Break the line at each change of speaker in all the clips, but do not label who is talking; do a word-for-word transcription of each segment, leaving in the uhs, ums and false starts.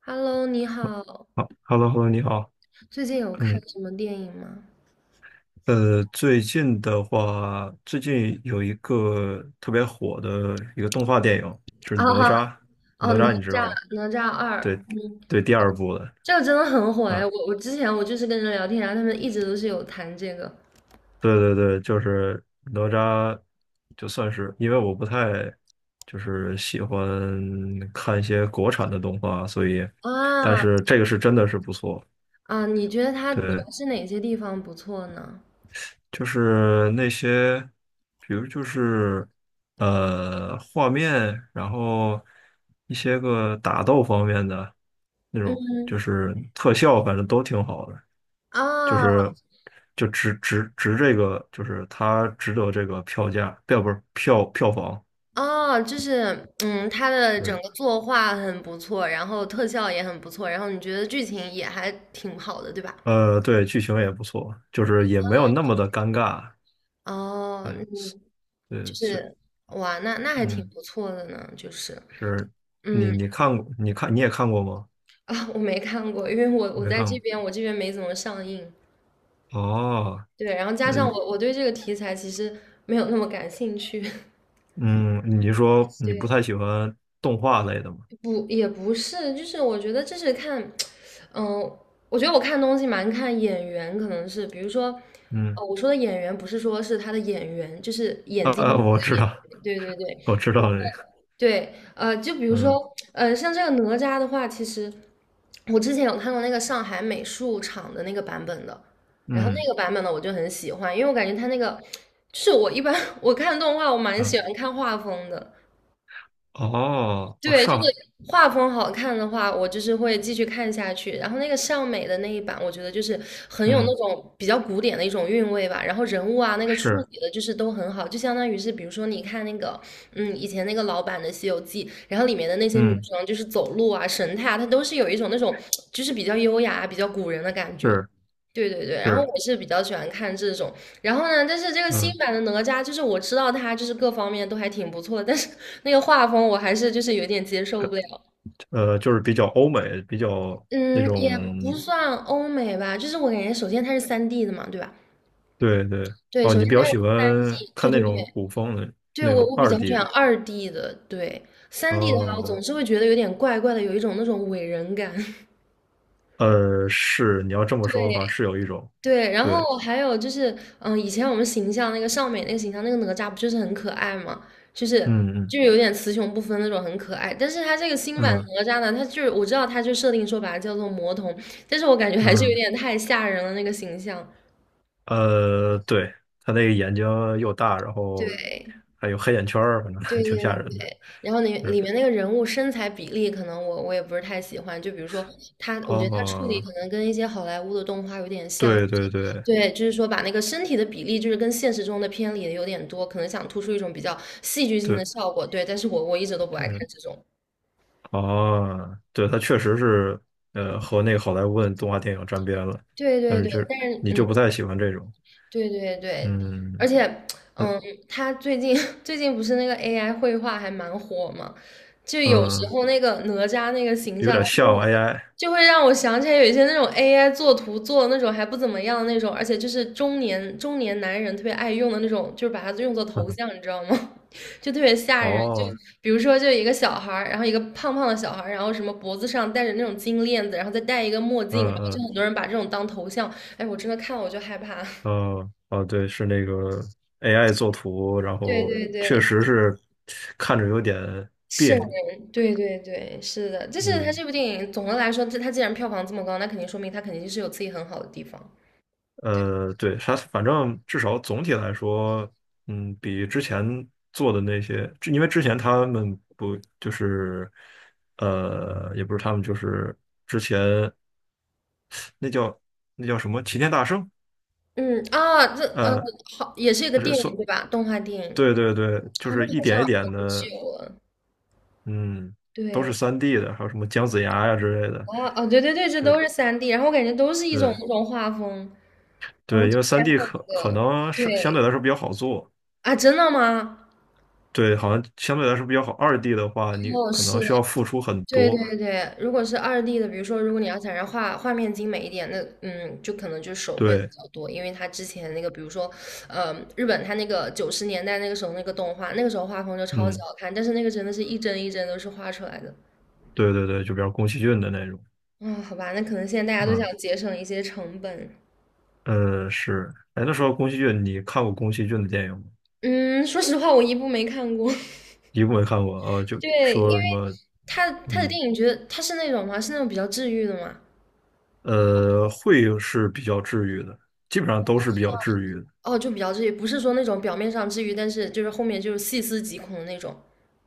Hello，你好，
好，Hello，Hello，你好。
最近有看
嗯，
什么电影吗？
呃，最近的话，最近有一个特别火的一个动画电影，就是
啊
哪
哈，
吒。
哦，
哪
哪
吒你知
吒，
道吧？
哪吒二，
对，
嗯，
对，第二部的。
这个真的很火哎，
啊，
我我之前我就是跟人聊天，然后他们一直都是有谈这个。
对对对，就是哪吒，就算是因为我不太就是喜欢看一些国产的动画，所以，但
啊
是这个是真的是不错。
啊，你觉得它主
对，
要是哪些地方不错呢？
就是那些，比如就是呃画面，然后一些个打斗方面的那种，就
嗯，
是特效，反正都挺好的，就
啊
是就值值值这个，就是它值得这个票价，票不是票票房，
啊，就是嗯，它的整
对，
个作画很不错，然后特效也很不错，然后你觉得剧情也还挺好的，对吧？
呃对，剧情也不错，就是也没有那么的尴尬，
哦，
呃
嗯，就
对是
是哇，那那还挺
嗯
不错的呢，就是。
是，你
嗯，
你 看过你看你也看过吗？
啊，我没看过，因为我我
没
在这
看
边，我这边没怎么上映。
过哦。
对，然后加上
嗯。
我我对这个题材其实没有那么感兴趣。
嗯，你说你不
对，
太喜欢动画类的吗？
不也不是，就是我觉得这是看，嗯、我觉得我看东西蛮看眼缘，可能是比如说，
嗯，
呃，我说的演员不是说是他的演员，就是眼
啊
睛的
啊，
那
我
个
知
演
道，
员。对对
我
对，
知道这个。
对，呃，就比如
嗯
说，呃，像这个哪吒的话，其实我之前有看过那个上海美术厂的那个版本的，然后那
嗯
个版本呢，我就很喜欢，因为我感觉它那个，就是我一般 我看动画，我蛮
嗯，
喜欢看画风的，
哦，哦，
对，就是
上，
画风好看的话，我就是会继续看下去。然后那个尚美的那一版，我觉得就是很有那
嗯
种比较古典的一种韵味吧。然后人物啊，那个处
是，
理的就是都很好，就相当于是比如说你看那个，嗯，以前那个老版的《西游记》，然后里面的那些女
嗯
生就是走路啊、神态啊，她都是有一种那种就是比较优雅、比较古人的感觉。
是
对对对，然后
是，
我是比较喜欢看这种，然后呢，但是这个新
嗯，
版的哪吒，就是我知道它就是各方面都还挺不错的，但是那个画风我还是就是有点接受
感
不了。
呃就是比较欧美，比较那
嗯，也不
种，
算欧美吧，就是我感觉首先它是三 d 的嘛，对吧？
对对，
对，
哦，
首
你
先
比较
它是
喜欢
三 d 对
看那
对
种
对，
古风的
对
那
我
种
我比
二
较
D
喜欢
的，
二 d 的，对三 d 的话，我总
哦，
是会觉得有点怪怪的，有一种那种伪人感。
呃，是，你要这么说的话，
对
是有一种，
对，然
对，
后还有就是，嗯，以前我们形象那个尚美那个形象，那个哪吒不就是很可爱嘛，就是
嗯嗯
就是有点雌雄不分那种，很可爱。但是他这个新版的
嗯
哪吒呢，他就是我知道他就设定说把它叫做魔童，但是我感觉还是有
嗯。
点太吓人了那个形象。
呃，对，他那个眼睛又大，然后
对
还有黑眼圈儿，反正
对 对
挺吓人的。
对，然后里里
是，
面那个人物身材比例，可能我我也不是太喜欢。就比如说他，我觉得他处理
哦，
可能跟一些好莱坞的动画有点像，
对对对
对，就是说把那个身体的比例，就是跟现实中的偏离的有点多，可能想突出一种比较戏剧性
对
的效果。对，但是我我一直都不爱看
对，
这种。
哦，对，他确实是，呃，和那个好莱坞的动画电影沾边了，
对
但
对
是
对，
就是
但是
你
嗯，
就不太喜欢这种，
对对对，而
嗯
且
嗯，
嗯，他最近 最近不是那个 A I 绘画还蛮火嘛，就有时
嗯
候那个哪吒那个形
有
象，
点像 A I，
就会让我想起来有一些那种 A I 做图做的那种还不怎么样的那种，而且就是中年中年男人特别爱用的那种，就是把它用作头像，你 知道吗？就特别吓人。就
哦，
比如说，就一个小孩儿，然后一个胖胖的小孩儿，然后什么脖子上戴着那种金链子，然后再戴一个墨
嗯
镜，然后就
嗯
很多人把这种当头像。哎，我真的看了我就害怕。
哦哦，对，是那个 A I 作图，然
对
后
对
确
对，
实是看着有点别
瘆
扭。
人。对对对，是的，就是他
嗯，
这部电影总的来说，这他既然票房这么高，那肯定说明他肯定是有自己很好的地方。
呃，对，啥，反正至少总体来说，嗯，比之前做的那些，之因为之前他们不就是，呃，也不是他们，就是那叫那叫什么齐天大圣，
嗯啊，这呃，
呃，
好，也是一个
是
电
算，
影对吧？动画电影
对对对，
啊，
就是
那
一
好像
点一点
很久
的，
了。
嗯，都是
对，
三 d 的，还有什么姜子牙呀之类的，
啊哦，对对对，这
这
都是三 d 然后我感觉都是一种
对
那种画风。好像
对，因
之
为
前
三 d
还有一
可可
个，
能是相对
对
来说比较好做。
啊，真的吗？
对，好像相对来说比较好。二 D 的话，你
哦，
可
是
能
的，
需要付出很
对
多，
对对。如果是二 d 的，比如说如果你要想让画画面精美一点，那嗯，就可能就手绘的
对，
比较多，因为它之前那个，比如说，呃，日本它那个九十年代那个时候那个动画，那个时候画风就超级
嗯，
好看，但是那个真的是一帧一帧都是画出来的。
对对对，就比如宫崎骏的那种，
啊，好吧，那可能现在大家都
嗯，
想节省一些成本。
呃，是，哎，那时候宫崎骏，你看过宫崎骏的电影吗？
嗯，说实话，我一部没看过。
一部没看过，呃，就
对，因为
说什么，
他他的电
嗯，
影，觉得他是那种吗？是那种比较治愈的嘛。
呃，会是比较治愈的，基本上都是比较治愈的，
哦，就比较治愈，不是说那种表面上治愈，但是就是后面就是细思极恐的那种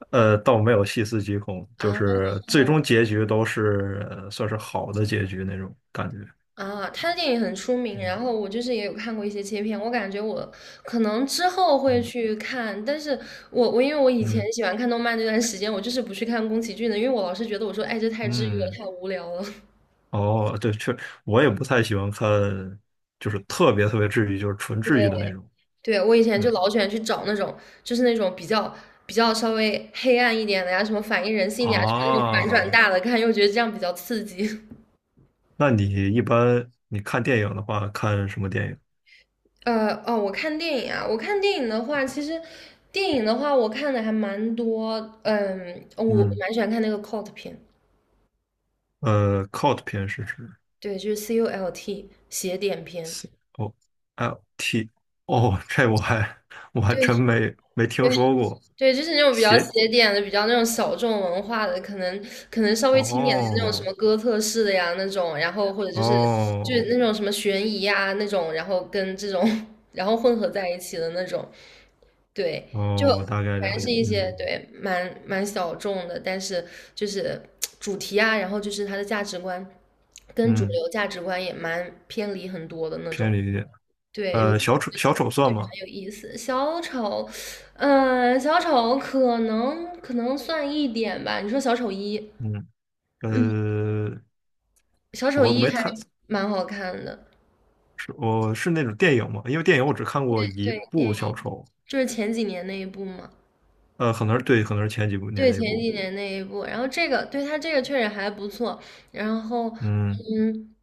呃，倒没有细思极恐，
啊
就是最终结局都是，呃算是好的结局那种感觉。
啊！他的电影很出名，然
嗯
后我就是也有看过一些切片，我感觉我可能之后会
嗯
去看，但是我我因为我以前
嗯
喜欢看动漫那段时间，我就是不去看宫崎骏的，因为我老是觉得我说，哎，这太治愈了，
嗯，
太无聊了。
哦，对，确，我也不太喜欢看，就是特别特别治愈，就是纯治愈的那种。
对，我以前就
对
老喜欢去找那种，就是那种比较比较稍微黑暗一点的呀，什么反映人性的呀，什么那种反转
啊，
大的看，又觉得这样比较刺激。
那你一般你看电影的话，看什么电影？
呃，哦，我看电影啊，我看电影的话，其实电影的话，我看的还蛮多。嗯，我
嗯，
蛮喜欢看那个 cult 片，
呃，cult 片是指
对，就是 CULT 邪典片。
C O L T 哦，这我还我还
对
真没没听说过。
对，就是那种比较
邪
邪典的、比较那种小众文化的，可能可能稍微轻点的那种什
哦
么哥特式的呀那种，然后或者就是就是
哦
那种什么悬疑呀那种，然后跟这种 然后混合在一起的那种，对，就
哦，我大概
反
了
正
解，
是一些
嗯
对蛮蛮小众的，但是就是主题啊，然后就是它的价值观跟主
嗯，
流价值观也蛮偏离很多的那种。
偏理解。
对，有，
呃，
就觉
小
得
丑
这
小
种
丑算
对
吗？
蛮有意思。小丑，嗯、小丑可能可能算一点吧。你说小丑一，
嗯
嗯，
呃，
小丑
我
一
没
还
太
蛮好看的。
是我是那种电影嘛，因为电影我只看过一
对，电
部
影
小丑，
就是前几年那一部嘛。
呃，可能是对，可能是前几部年
对，
那
前
一部。
几年那一部。然后这个，对他这个确实还不错。然后，
嗯，
嗯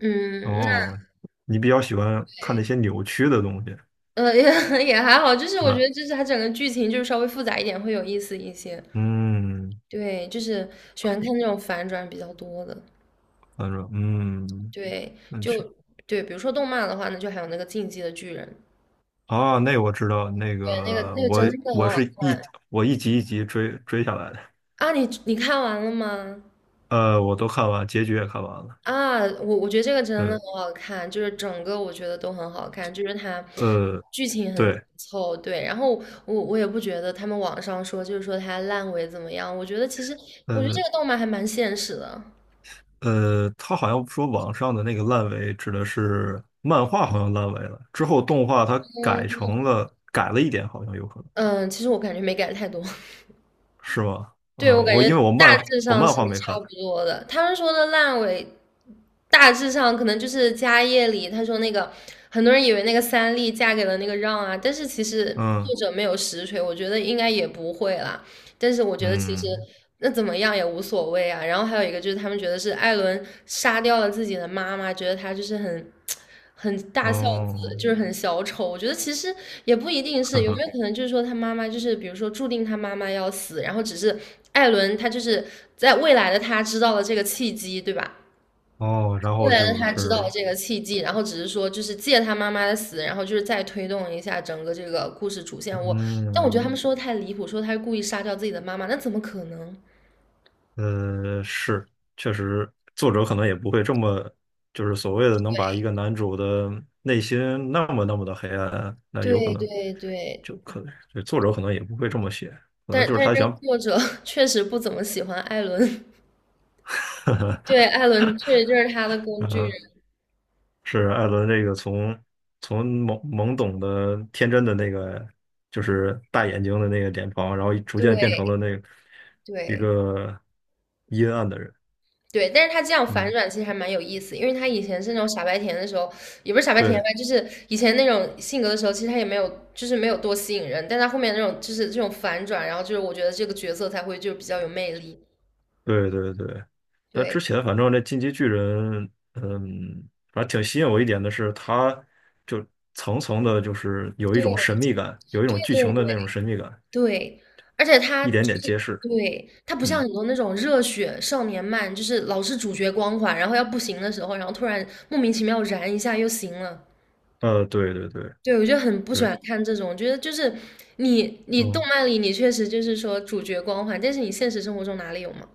嗯，那
哦，你比较喜欢看那些扭曲的东西
呃也 也还好，就是我觉
啊？
得就是它整个剧情就是稍微复杂一点，会有意思一些。
嗯，
对，就是喜欢看那种反转比较多的。
他说，嗯，
对，
那去
就对，比如说动漫的话，那就还有那个《进击的巨人》，
哦，那我知道，那
对，那个
个
那个
我
真的很
我
好。
是一我一集一集追追下来的，
啊！你你看完了吗？
呃，我都看完，结局也看完了。
啊，我我觉得这个真的很
对，
好看，就是整个我觉得都很好看，就是它
呃，
剧情很紧
对，
凑，对。然后我我也不觉得他们网上说就是说它烂尾怎么样，我觉得其实我觉得这
呃
个动漫还蛮现实的，
呃，他好像说网上的那个烂尾指的是漫画，好像烂尾了，之后动画它改成了改了一点，好像有可能。
嗯，其实我感觉没改太多，
是吗？
对，我
嗯，
感
我
觉
因为我
大
漫
致
我
上
漫
是
画没
差
看，
不多的。他们说的烂尾，大致上可能就是家业里，他说那个很多人以为那个三笠嫁给了那个让啊，但是其实作
嗯
者没有实锤，我觉得应该也不会啦。但是我觉得其实
嗯
那怎么样也无所谓啊。然后还有一个就是他们觉得是艾伦杀掉了自己的妈妈，觉得他就是很很大孝子，
哦，
就是很小丑。我觉得其实也不一定是，
呵
有没
呵
有可能就是说他妈妈就是比如说注定他妈妈要死，然后只是艾伦他就是在未来的他知道了这个契机，对吧？
哦，然
未
后
来的
就
他知道了
是
这个契机，然后只是说就是借他妈妈的死，然后就是再推动一下整个这个故事主线。我，但我觉得他们
嗯
说的太离谱，说他是故意杀掉自己的妈妈，那怎么可能？
呃是，确实作者可能也不会这么就是所谓的能把一个男主的内心那么那么的黑暗，那有可
对
能
对对，
就可就作者可能也不会这么写，可能
但
就是
但是
他
这个
想，
作者 确实不怎么喜欢艾伦，
呵
对，艾伦
呵
确实就是他的工具人，
是艾伦这个从从懵懵懂的天真的那个，就是大眼睛的那个脸庞，然后逐渐变成
对
了那个一
对。
个阴暗的人。
对，但是他这样反
嗯，
转其实还蛮有意思，因为他以前是那种傻白甜的时候，也不是傻白甜吧，
对
就是以前那种性格的时候，其实他也没有，就是没有多吸引人，但他后面那种就是这种反转，然后就是我觉得这个角色才会就比较有魅力。
对对对。那
对，
之前反正那进击巨人，嗯，反正挺吸引我一点的是，他就层层的，就是有一种
对，
神秘感，有一
对，
种剧
对，
情的那种
对，
神秘感，
对，而且他
一
就
点点
是
揭示。
对他不像
嗯，
很多那种热血少年漫，就是老是主角光环，然后要不行的时候，然后突然莫名其妙燃一下又行了。
呃，对对对，
对，我就很不喜
是，
欢看这种，我觉得就是你你动
嗯，
漫里你确实就是说主角光环，但是你现实生活中哪里有嘛？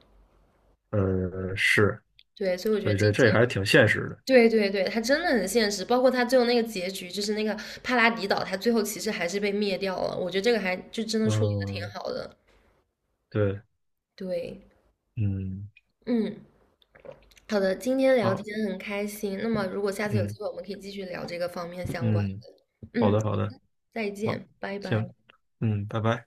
呃，是。
对，所以我觉
所
得
以
这一
这
届
这还是
就
挺现实的。
对对对，它真的很现实，包括它最后那个结局，就是那个帕拉迪岛，它最后其实还是被灭掉了，我觉得这个还就真的处理的挺
嗯，
好的。
对，
对，
嗯，
嗯，好的，今天聊
好，
天很开心，那么如果下次有
嗯
机会，我们可以继续聊这个方面相关。
嗯，好
嗯，
的好的，
再
好，
见，拜
行，
拜。
嗯，拜拜。